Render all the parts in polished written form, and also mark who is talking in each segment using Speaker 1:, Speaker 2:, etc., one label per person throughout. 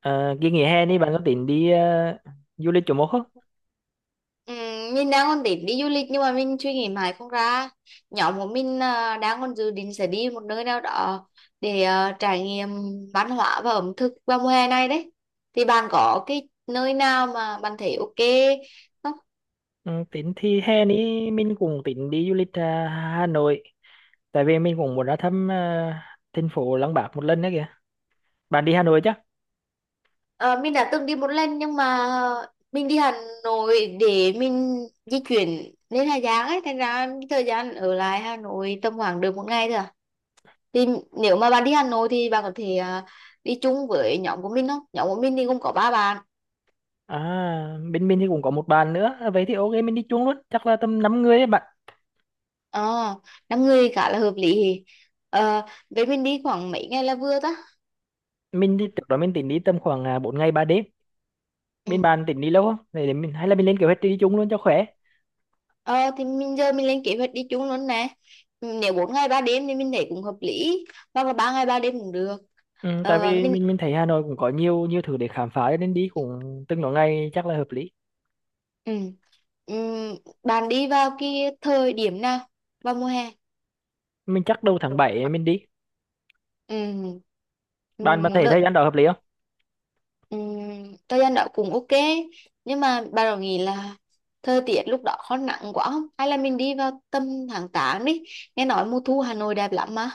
Speaker 1: Ờ, cái nghỉ hè
Speaker 2: Ừ,
Speaker 1: này bạn có tính đi du lịch chỗ một không?
Speaker 2: mình đang còn tính đi du lịch nhưng mà mình suy nghĩ mãi không ra. Nhóm của mình đang còn dự định sẽ đi một nơi nào đó để trải nghiệm văn hóa và ẩm thực vào mùa hè này đấy. Thì bạn có cái nơi nào mà bạn thấy ok không?
Speaker 1: Ừ, tính thì hè này mình cũng tính đi du lịch Hà Nội. Tại vì mình cũng muốn ra thăm thành phố Lăng Bác một lần nữa kìa. Bạn đi Hà Nội chắc?
Speaker 2: Ờ, mình đã từng đi một lần nhưng mà mình đi Hà Nội để mình di chuyển lên Hà Giang ấy, thành ra thời gian ở lại Hà Nội tầm khoảng được một ngày thôi à. Thì nếu mà bạn đi Hà Nội thì bạn có thể đi chung với nhóm của mình không? Nhóm của mình thì gồm có ba bạn.
Speaker 1: À, bên mình thì cũng có một bạn nữa. À, vậy thì ok mình đi chung luôn. Chắc là tầm 5 người ấy bạn.
Speaker 2: ờ Năm người khá là hợp lý. Vậy mình đi khoảng mấy ngày là vừa ta?
Speaker 1: Mình thì trước đó mình tính đi tầm khoảng 4 ngày 3 đêm.
Speaker 2: Ừ.
Speaker 1: Bên bạn tính đi lâu không? Để mình, hay là mình lên kế hoạch đi chung luôn cho khỏe.
Speaker 2: ờ thì mình giờ mình lên kế hoạch đi chung luôn nè. Ừ, nếu bốn ngày ba đêm thì mình thấy cũng hợp lý, hoặc là ba ngày ba đêm cũng được.
Speaker 1: Ừ, tại
Speaker 2: Ờ
Speaker 1: vì
Speaker 2: mình
Speaker 1: mình thấy Hà Nội cũng có nhiều nhiều thứ để khám phá cho nên đi cũng từng đó ngày chắc là hợp lý.
Speaker 2: Ừ. Ừ. Bạn đi vào cái thời điểm nào, vào mùa hè?
Speaker 1: Mình chắc đầu tháng 7 mình đi.
Speaker 2: Ừ. Ừ.
Speaker 1: Bạn bạn thấy thời gian đó hợp lý không?
Speaker 2: Thời gian đó cũng ok, nhưng mà bà đã nghĩ là thời tiết lúc đó có nặng quá không, hay là mình đi vào tầm tháng 8 đi? Nghe nói mùa thu Hà Nội đẹp lắm mà.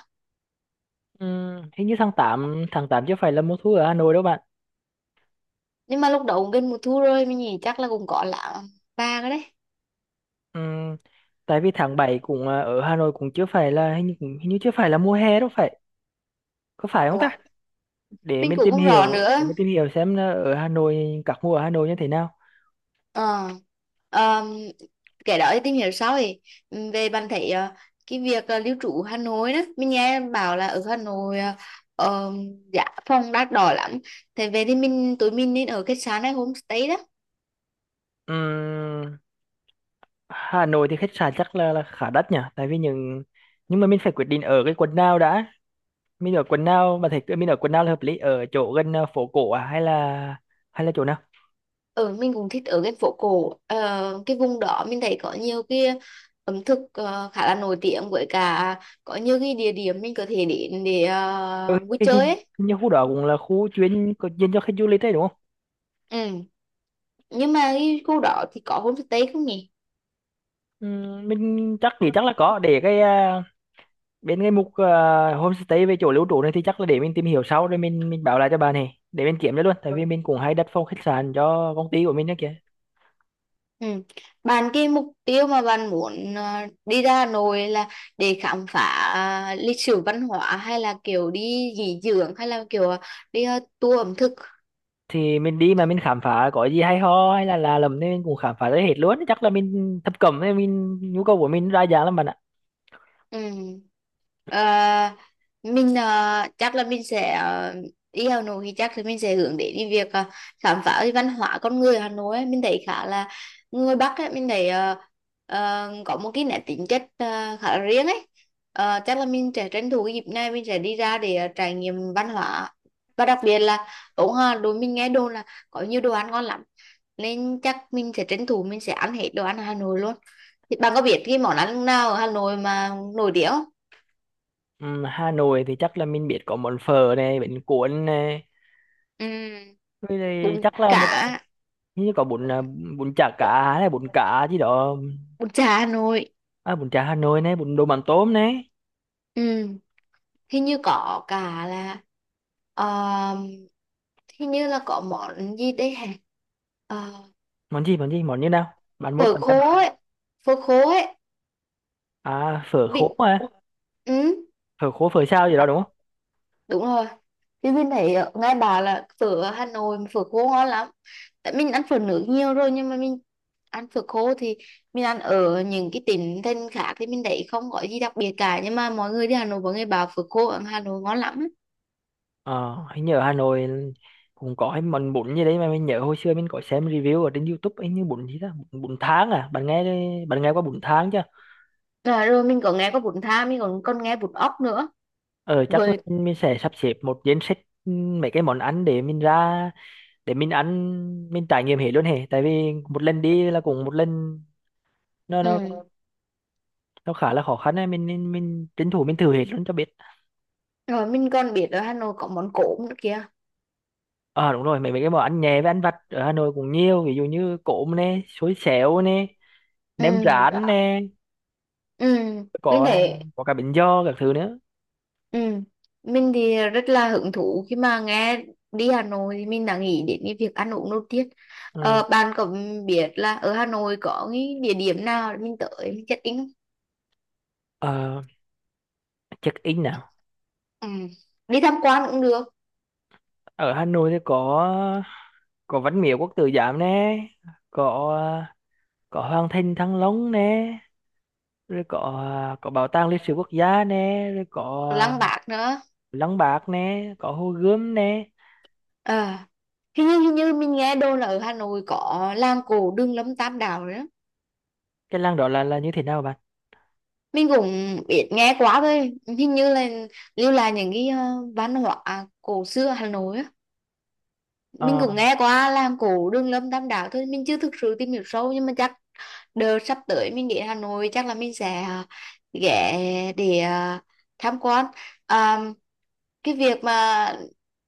Speaker 1: Hình như tháng 8 tháng 8 chưa phải là mùa thu ở Hà Nội đâu bạn.
Speaker 2: Nhưng mà lúc đó cũng gần mùa thu rồi, mình nghĩ chắc là cũng có là ba cái đấy.
Speaker 1: Ừm, tại vì tháng 7 cũng ở Hà Nội cũng chưa phải là hình như, hình như chưa phải là mùa hè đâu phải, có phải không
Speaker 2: Ủa,
Speaker 1: ta? Để
Speaker 2: mình
Speaker 1: mình
Speaker 2: cũng
Speaker 1: tìm
Speaker 2: không rõ
Speaker 1: hiểu,
Speaker 2: nữa.
Speaker 1: xem là ở Hà Nội các mùa ở Hà Nội như thế nào.
Speaker 2: ờ Ờm, cái đó thì tìm hiểu sau thì. Về bạn thấy cái việc lưu trú Hà Nội đó, mình nghe bảo là ở Hà Nội ờm, giá phòng đắt đỏ lắm. Thế về thì tụi mình nên ở khách sạn hay homestay đó?
Speaker 1: Ừm, Hà Nội thì khách sạn chắc là khá đắt nhỉ, tại vì những, nhưng mà mình phải quyết định ở cái quận nào đã. Mình ở quận nào, bạn thấy mình ở quận nào là hợp lý? Ở chỗ gần phố cổ à, hay là, hay là chỗ nào?
Speaker 2: Ừ, mình cũng thích ở cái phố cổ. Ờ, cái vùng đó mình thấy có nhiều cái ẩm thực khá là nổi tiếng, với cả có nhiều cái địa điểm mình có thể đến để
Speaker 1: Ừ,
Speaker 2: vui
Speaker 1: cái
Speaker 2: chơi
Speaker 1: hình
Speaker 2: ấy.
Speaker 1: như khu đó cũng là khu chuyên có dành cho khách du lịch đấy, đúng không?
Speaker 2: Ừ. Nhưng mà cái khu đó thì có homestay không nhỉ?
Speaker 1: Ừ, mình chắc thì chắc là có, để cái bên cái mục homestay về chỗ lưu trú này, thì chắc là để mình tìm hiểu sau rồi mình báo lại cho bà này để mình kiểm cho luôn, tại vì mình cũng hay đặt phòng khách sạn cho công ty của mình đó kìa.
Speaker 2: Ừ. Bạn, cái mục tiêu mà bạn muốn đi ra Hà Nội là để khám phá lịch sử văn hóa, hay là kiểu đi nghỉ dưỡng, hay là kiểu đi tour ẩm thực?
Speaker 1: Thì mình đi mà mình khám phá có gì hay ho hay là lầm nên mình cũng khám phá tới hết luôn, chắc là mình thập cẩm nên mình, nhu cầu của mình đa dạng lắm bạn ạ.
Speaker 2: Ừ. Ờ, mình chắc là mình sẽ đi Hà Nội thì chắc là mình sẽ hướng đến cái việc khám phá cái văn hóa con người Hà Nội ấy. Mình thấy khá là, người Bắc ấy, mình thấy có một cái nét tính chất khá là riêng ấy. Ờ, chắc là mình sẽ tranh thủ cái dịp này mình sẽ đi ra để trải nghiệm văn hóa. Và đặc biệt là, cũng Hà đối mình nghe đồn là có nhiều đồ ăn ngon lắm, nên chắc mình sẽ tranh thủ mình sẽ ăn hết đồ ăn Hà Nội luôn. Thì bạn có biết cái món ăn nào ở Hà Nội mà nổi tiếng không?
Speaker 1: Ừ, Hà Nội thì chắc là mình biết, có món phở này, bánh cuốn này,
Speaker 2: Ừ, em
Speaker 1: với lại
Speaker 2: có
Speaker 1: chắc là một
Speaker 2: cả
Speaker 1: như có bún bún chả
Speaker 2: dạ.
Speaker 1: cá này, bún cá gì đó.
Speaker 2: Bún chả Hà Nội.
Speaker 1: À, bún chả Hà Nội này, bún đồ mắm tôm này.
Speaker 2: Ừ, hình như có cả là, ờ, hình như là có món gì đấy hả? Ờ,
Speaker 1: Món gì món gì món như nào? Bạn mốt
Speaker 2: Phở
Speaker 1: tầm em
Speaker 2: khô
Speaker 1: bảo.
Speaker 2: ấy, phở khô ấy.
Speaker 1: À, phở khô
Speaker 2: Bị Ủa,
Speaker 1: à?
Speaker 2: ừ.
Speaker 1: Phở khô phở sao gì đó đúng không?
Speaker 2: Đúng rồi, chứ bên thấy ở ngay bà là phở ở Hà Nội phở khô ngon lắm. Tại mình ăn phở nước nhiều rồi, nhưng mà mình ăn phở khô thì mình ăn ở những cái tỉnh thành khác thì mình thấy không có gì đặc biệt cả, nhưng mà mọi người đi Hà Nội mọi người bảo phở khô ở Hà Nội ngon lắm.
Speaker 1: Ờ Hình như ở Hà Nội cũng có cái món bún gì đấy mà mình nhớ hồi xưa mình có xem review ở trên YouTube ấy, như bún gì đó, bún tháng à, bạn nghe, bạn nghe qua bún tháng chưa?
Speaker 2: Rồi, mình có nghe có bún thang, mình còn còn nghe bún ốc nữa.
Speaker 1: Ờ Chắc
Speaker 2: Với
Speaker 1: mình sẽ sắp xếp một danh sách. Ừ, mấy cái món ăn để mình ra, để mình ăn, mình trải nghiệm hết luôn hề, tại vì một lần đi là cũng một lần, nó
Speaker 2: ừ.
Speaker 1: nó khá là khó khăn ấy, mình tranh thủ mình thử hết luôn cho biết.
Speaker 2: Rồi mình còn biết ở Hà Nội có món cốm nữa kìa.
Speaker 1: À đúng rồi, mấy mấy cái món ăn nhẹ với ăn vặt ở Hà Nội cũng nhiều, ví dụ như cốm nè, xôi xéo nè,
Speaker 2: Ừ.
Speaker 1: nem rán nè,
Speaker 2: Ừ. Mình
Speaker 1: có
Speaker 2: thấy.
Speaker 1: có cả bánh giò các thứ nữa.
Speaker 2: Ừ. Mình thì rất là hứng thú, khi mà nghe đi Hà Nội thì mình đã nghĩ đến cái việc ăn uống đầu tiên.
Speaker 1: Ừ.
Speaker 2: Ờ, bạn có biết là ở Hà Nội có cái địa điểm nào để mình tới mình check in không?
Speaker 1: Ờ, check in nào?
Speaker 2: Ừ. Đi tham quan cũng được.
Speaker 1: Ở Hà Nội thì có Văn Miếu Quốc Tử Giám nè, có có Hoàng Thành Thăng Long nè, rồi có Bảo tàng Lịch sử Quốc gia nè, rồi có
Speaker 2: Lăng Bác nữa.
Speaker 1: Lăng Bác nè, có Hồ Gươm nè.
Speaker 2: Ờ. Hình như mình nghe đồn là ở Hà Nội có làng cổ Đường Lâm Tam Đảo nữa.
Speaker 1: Cái lăng đó là như thế nào bạn?
Speaker 2: Mình cũng biết nghe quá thôi. Hình như là lưu lại những cái văn hóa cổ xưa Hà Nội á. Mình
Speaker 1: Ờ.
Speaker 2: cũng nghe qua làng cổ Đường Lâm Tam Đảo thôi, mình chưa thực sự tìm hiểu sâu, nhưng mà chắc đợt sắp tới mình đến Hà Nội chắc là mình sẽ ghé để tham quan. à, cái việc mà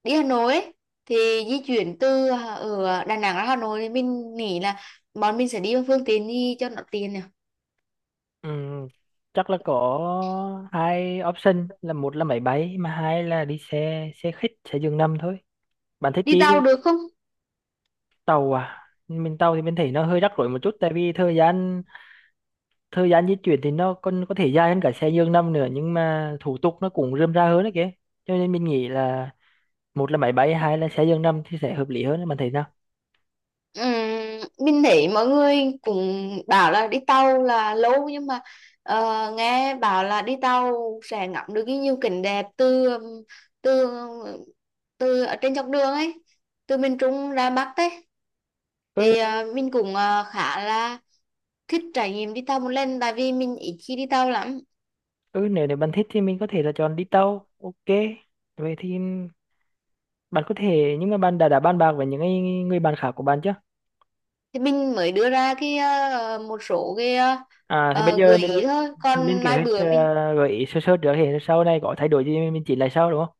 Speaker 2: đi Hà Nội ấy, thì di chuyển từ ở Đà Nẵng ra Hà Nội thì mình nghĩ là bọn mình sẽ đi bằng phương tiện đi cho nó tiền nè.
Speaker 1: Ừ, chắc là có hai option, là một là máy bay mà hai là đi xe xe khách xe giường nằm thôi. Bạn thích
Speaker 2: Đi
Speaker 1: đi
Speaker 2: tàu được không?
Speaker 1: tàu à? Mình tàu thì mình thấy nó hơi rắc rối một chút, tại vì thời gian, thời gian di chuyển thì nó còn có thể dài hơn cả xe giường nằm nữa, nhưng mà thủ tục nó cũng rườm rà hơn đấy kìa. Cho nên mình nghĩ là một là máy bay, hai là xe giường nằm thì sẽ hợp lý hơn, bạn thấy nào?
Speaker 2: Ừm, mình thấy mọi người cũng bảo là đi tàu là lâu, nhưng mà ờ, nghe bảo là đi tàu sẽ ngắm được cái nhiều cảnh đẹp từ từ từ ở trên dọc đường ấy, từ miền Trung ra Bắc ấy.
Speaker 1: Ừ,
Speaker 2: Thì mình cũng khá là thích trải nghiệm đi tàu một lần, tại vì mình ít khi đi tàu lắm.
Speaker 1: ừ, nếu nếu bạn thích thì mình có thể là chọn đi tàu, ok. Vậy thì bạn có thể, nhưng mà bạn đã bàn bạc với những người người bạn khác của bạn chưa?
Speaker 2: Thì mình mới đưa ra cái một số cái
Speaker 1: À, thì bây giờ
Speaker 2: gợi ý
Speaker 1: mình
Speaker 2: thôi,
Speaker 1: mình lên
Speaker 2: còn
Speaker 1: kế
Speaker 2: mai
Speaker 1: hoạch,
Speaker 2: bữa mình.
Speaker 1: gợi ý sơ sơ trước thì sau này có thay đổi gì mình chỉnh lại sau đúng không?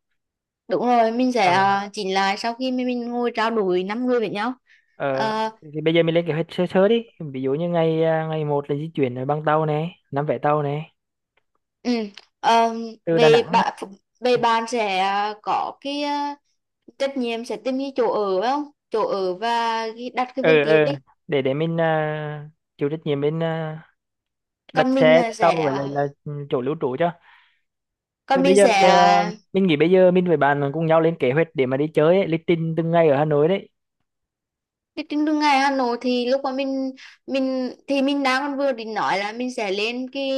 Speaker 2: Đúng rồi, mình sẽ
Speaker 1: Ờ.
Speaker 2: chỉnh lại sau khi mình ngồi trao đổi năm người với nhau.
Speaker 1: Ờ,
Speaker 2: Ờ,
Speaker 1: thì, bây giờ mình lên kế hoạch sơ sơ đi. Ví dụ như ngày một là di chuyển bằng tàu này, năm vé tàu này
Speaker 2: ừ, ờ,
Speaker 1: từ Đà
Speaker 2: về
Speaker 1: Nẵng.
Speaker 2: bạn về bạn sẽ có cái trách nhiệm sẽ tìm cái chỗ ở phải không? Chỗ ở và cái- đặt cái
Speaker 1: ờ
Speaker 2: phương
Speaker 1: ờ
Speaker 2: tiện đi.
Speaker 1: để mình chịu trách nhiệm bên đặt
Speaker 2: Còn mình
Speaker 1: xe
Speaker 2: là
Speaker 1: tàu,
Speaker 2: sẽ
Speaker 1: với lại là chỗ lưu trú cho. Thì
Speaker 2: còn
Speaker 1: bây
Speaker 2: mình
Speaker 1: giờ
Speaker 2: sẽ.
Speaker 1: mình nghĩ bây giờ mình với bạn cùng nhau lên kế hoạch để mà đi chơi ấy, lịch trình từng ngày ở Hà Nội
Speaker 2: Cái trên đường ngày Hà Nội thì lúc mà mình thì mình đang còn vừa định nói là mình sẽ lên cái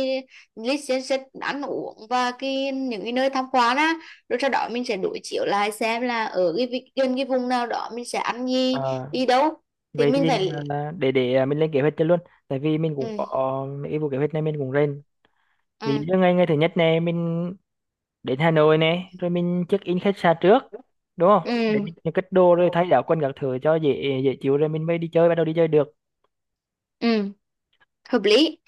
Speaker 2: list danh sách ăn uống và cái những cái nơi tham quan á, rồi sau đó mình sẽ đối chiếu lại xem là ở cái vị- gần cái vùng nào đó mình sẽ ăn gì,
Speaker 1: đấy.
Speaker 2: đi đâu. Thì
Speaker 1: Vậy
Speaker 2: mình
Speaker 1: thì
Speaker 2: phải.
Speaker 1: để mình lên kế hoạch cho luôn, tại vì mình
Speaker 2: Ừ.
Speaker 1: cũng có cái vụ kế hoạch này mình cũng lên. Ví dụ
Speaker 2: Ừ.
Speaker 1: như ngày ngày thứ nhất này mình đến Hà Nội này, rồi mình check in khách sạn trước, đúng không, để
Speaker 2: Ừ.
Speaker 1: mình cất đồ rồi thay áo quần các thứ cho dễ dễ chịu rồi mình mới đi chơi, bắt đầu đi chơi được.
Speaker 2: Ừ hợp lý.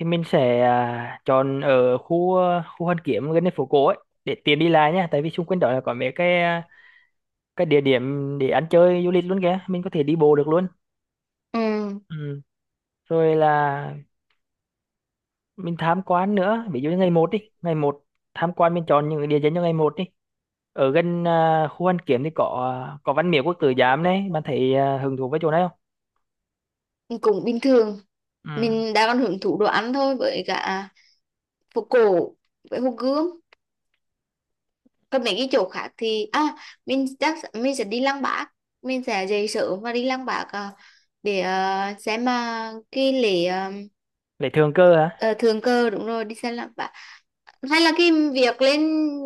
Speaker 1: Thì mình sẽ chọn ở khu Hoàn Kiếm gần đến phố cổ ấy, để tiện đi lại nha, tại vì xung quanh đó là có mấy cái cái địa điểm để ăn chơi du lịch luôn kìa, mình có thể đi bộ được luôn.
Speaker 2: Ừ
Speaker 1: Ừ. Rồi là mình tham quan nữa, ví dụ như ngày một đi, ngày một tham quan mình chọn những cái địa danh cho ngày một đi. Ở gần khu Hoàn Kiếm thì có có Văn Miếu Quốc Tử Giám đấy, bạn thấy hứng thú với chỗ này không?
Speaker 2: cũng bình thường.
Speaker 1: Ừ.
Speaker 2: Mình đang còn hưởng thụ đồ ăn thôi, với cả phố cổ với hồ Gươm. Còn mấy cái chỗ khác thì à, mình chắc mình sẽ đi Lăng Bác. Mình sẽ dậy sớm và đi Lăng Bác để xem mà cái lễ
Speaker 1: Để thường cơ hả?
Speaker 2: ờ, thượng cờ, đúng rồi, đi xem Lăng Bác. Hay là cái việc lên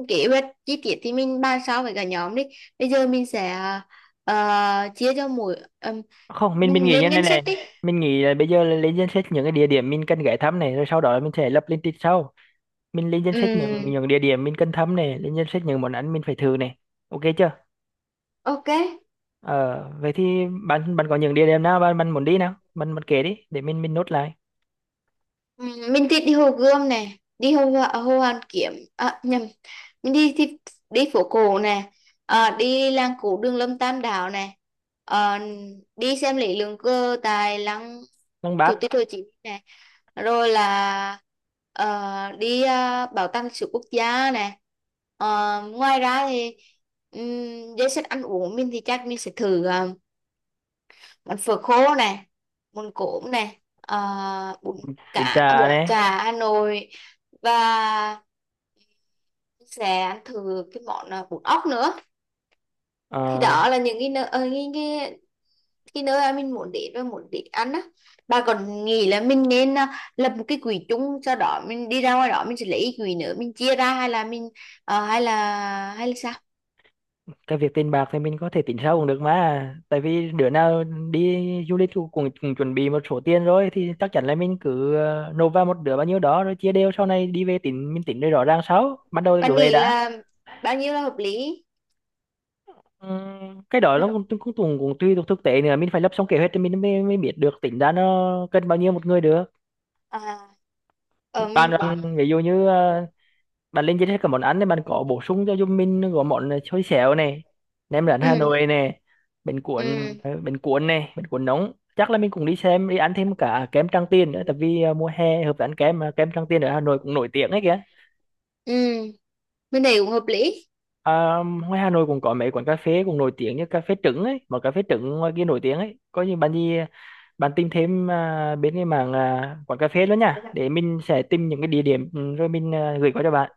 Speaker 2: kế hoạch chi tiết thì mình bàn sau với cả nhóm đi. Bây giờ mình sẽ chia cho mỗi
Speaker 1: Không mình
Speaker 2: mình
Speaker 1: nghĩ như
Speaker 2: lên
Speaker 1: này
Speaker 2: ngân
Speaker 1: này,
Speaker 2: sách đi.
Speaker 1: mình nghĩ là bây giờ là lên danh sách những cái địa điểm mình cần ghé thăm này, rồi sau đó là mình sẽ lập lên lịch sau. Mình lên danh sách những
Speaker 2: Ừm,
Speaker 1: địa điểm mình cần thăm này, lên danh sách những món ăn mình phải thử này, ok chưa?
Speaker 2: ok.
Speaker 1: Ờ Vậy thì bạn bạn có những địa điểm nào bạn bạn muốn đi nào, bạn bạn kể đi để mình nốt lại.
Speaker 2: Ừ, mình thì đi Hồ Gươm này, đi Hồ Hoàn Kiếm à, nhầm, mình đi thì đi phố cổ này, đi làng cổ Đường Lâm Tam Đảo này. Ờ, đi xem lễ lượng cơ tại lăng
Speaker 1: Lăng
Speaker 2: Chủ
Speaker 1: Bác.
Speaker 2: tịch Hồ Chí Minh này, rồi là đi bảo tàng lịch sử quốc gia này. Ờ, ngoài ra thì danh sách ăn uống mình thì chắc mình sẽ thử món phở khô này, món cốm này, bún cá,
Speaker 1: Bún chả
Speaker 2: bún
Speaker 1: này.
Speaker 2: chả Hà Nội, và sẽ ăn thử cái món bún ốc nữa. Thì
Speaker 1: Ờ,
Speaker 2: đó là những cái nơi cái nơi mà mình muốn đến và muốn đến ăn á. Bà còn nghĩ là mình nên lập một cái quỹ chung, sau đó mình đi ra ngoài đó mình sẽ lấy quỹ nữa mình chia ra, hay là mình hay là sao?
Speaker 1: cái việc tiền bạc thì mình có thể tính sau cũng được mà, tại vì đứa nào đi du lịch cũng chuẩn bị một số tiền rồi, thì chắc chắn là mình cứ nộp vào một đứa bao nhiêu đó rồi chia đều, sau này đi về tính mình tính rồi rõ ràng sau, ban đầu thì cứ
Speaker 2: Bạn
Speaker 1: vậy đã.
Speaker 2: nghĩ là bao nhiêu là hợp lý?
Speaker 1: Cái đó nó cũng tùy thuộc thực tế nữa, mình phải lập xong kế hoạch thì mình mới biết được, tính ra nó cần bao nhiêu một người được.
Speaker 2: à,
Speaker 1: Bạn,
Speaker 2: mình cũng-
Speaker 1: ví dụ như bạn lên danh sách các món ăn thì bạn có bổ sung cho giùm mình có món xôi xéo này, nem rán Hà
Speaker 2: ừ
Speaker 1: Nội này, bánh cuốn,
Speaker 2: ừ
Speaker 1: bánh cuốn này, bánh cuốn nóng, chắc là mình cũng đi xem đi ăn thêm cả kem Tràng Tiền nữa, tại vì mùa hè hợp với ăn kem mà kem Tràng Tiền ở Hà Nội cũng nổi tiếng ấy kìa.
Speaker 2: ừ. Mình thấy cũng hợp lý.
Speaker 1: À, ngoài Hà Nội cũng có mấy quán cà phê cũng nổi tiếng như cà phê trứng ấy, mà cà phê trứng ngoài kia nổi tiếng ấy, có như bạn gì, bạn tìm thêm bên cái mảng quán cà phê nữa nha, để mình sẽ tìm những cái địa điểm, rồi mình gửi qua cho bạn.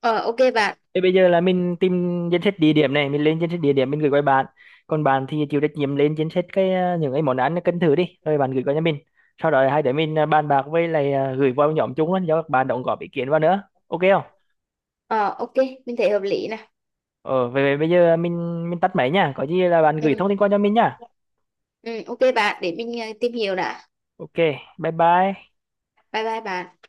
Speaker 2: Ờ ok bạn.
Speaker 1: Thế bây giờ là mình tìm danh sách địa điểm này, mình lên danh sách địa điểm mình gửi qua bạn. Còn bạn thì chịu trách nhiệm lên danh sách cái những cái món ăn cần thử đi, rồi bạn gửi qua cho mình. Sau đó hai đứa mình bàn bạc với lại gửi vào nhóm chung luôn cho các bạn đóng góp ý kiến vào nữa. Ok không?
Speaker 2: Ờ ok, mình thấy hợp lý nè.
Speaker 1: Ờ, về bây giờ mình tắt máy nha. Có gì là bạn gửi thông tin qua cho mình nha.
Speaker 2: Ừ ok bạn, để mình tìm hiểu đã.
Speaker 1: Ok, bye bye.
Speaker 2: Bye bye bạn.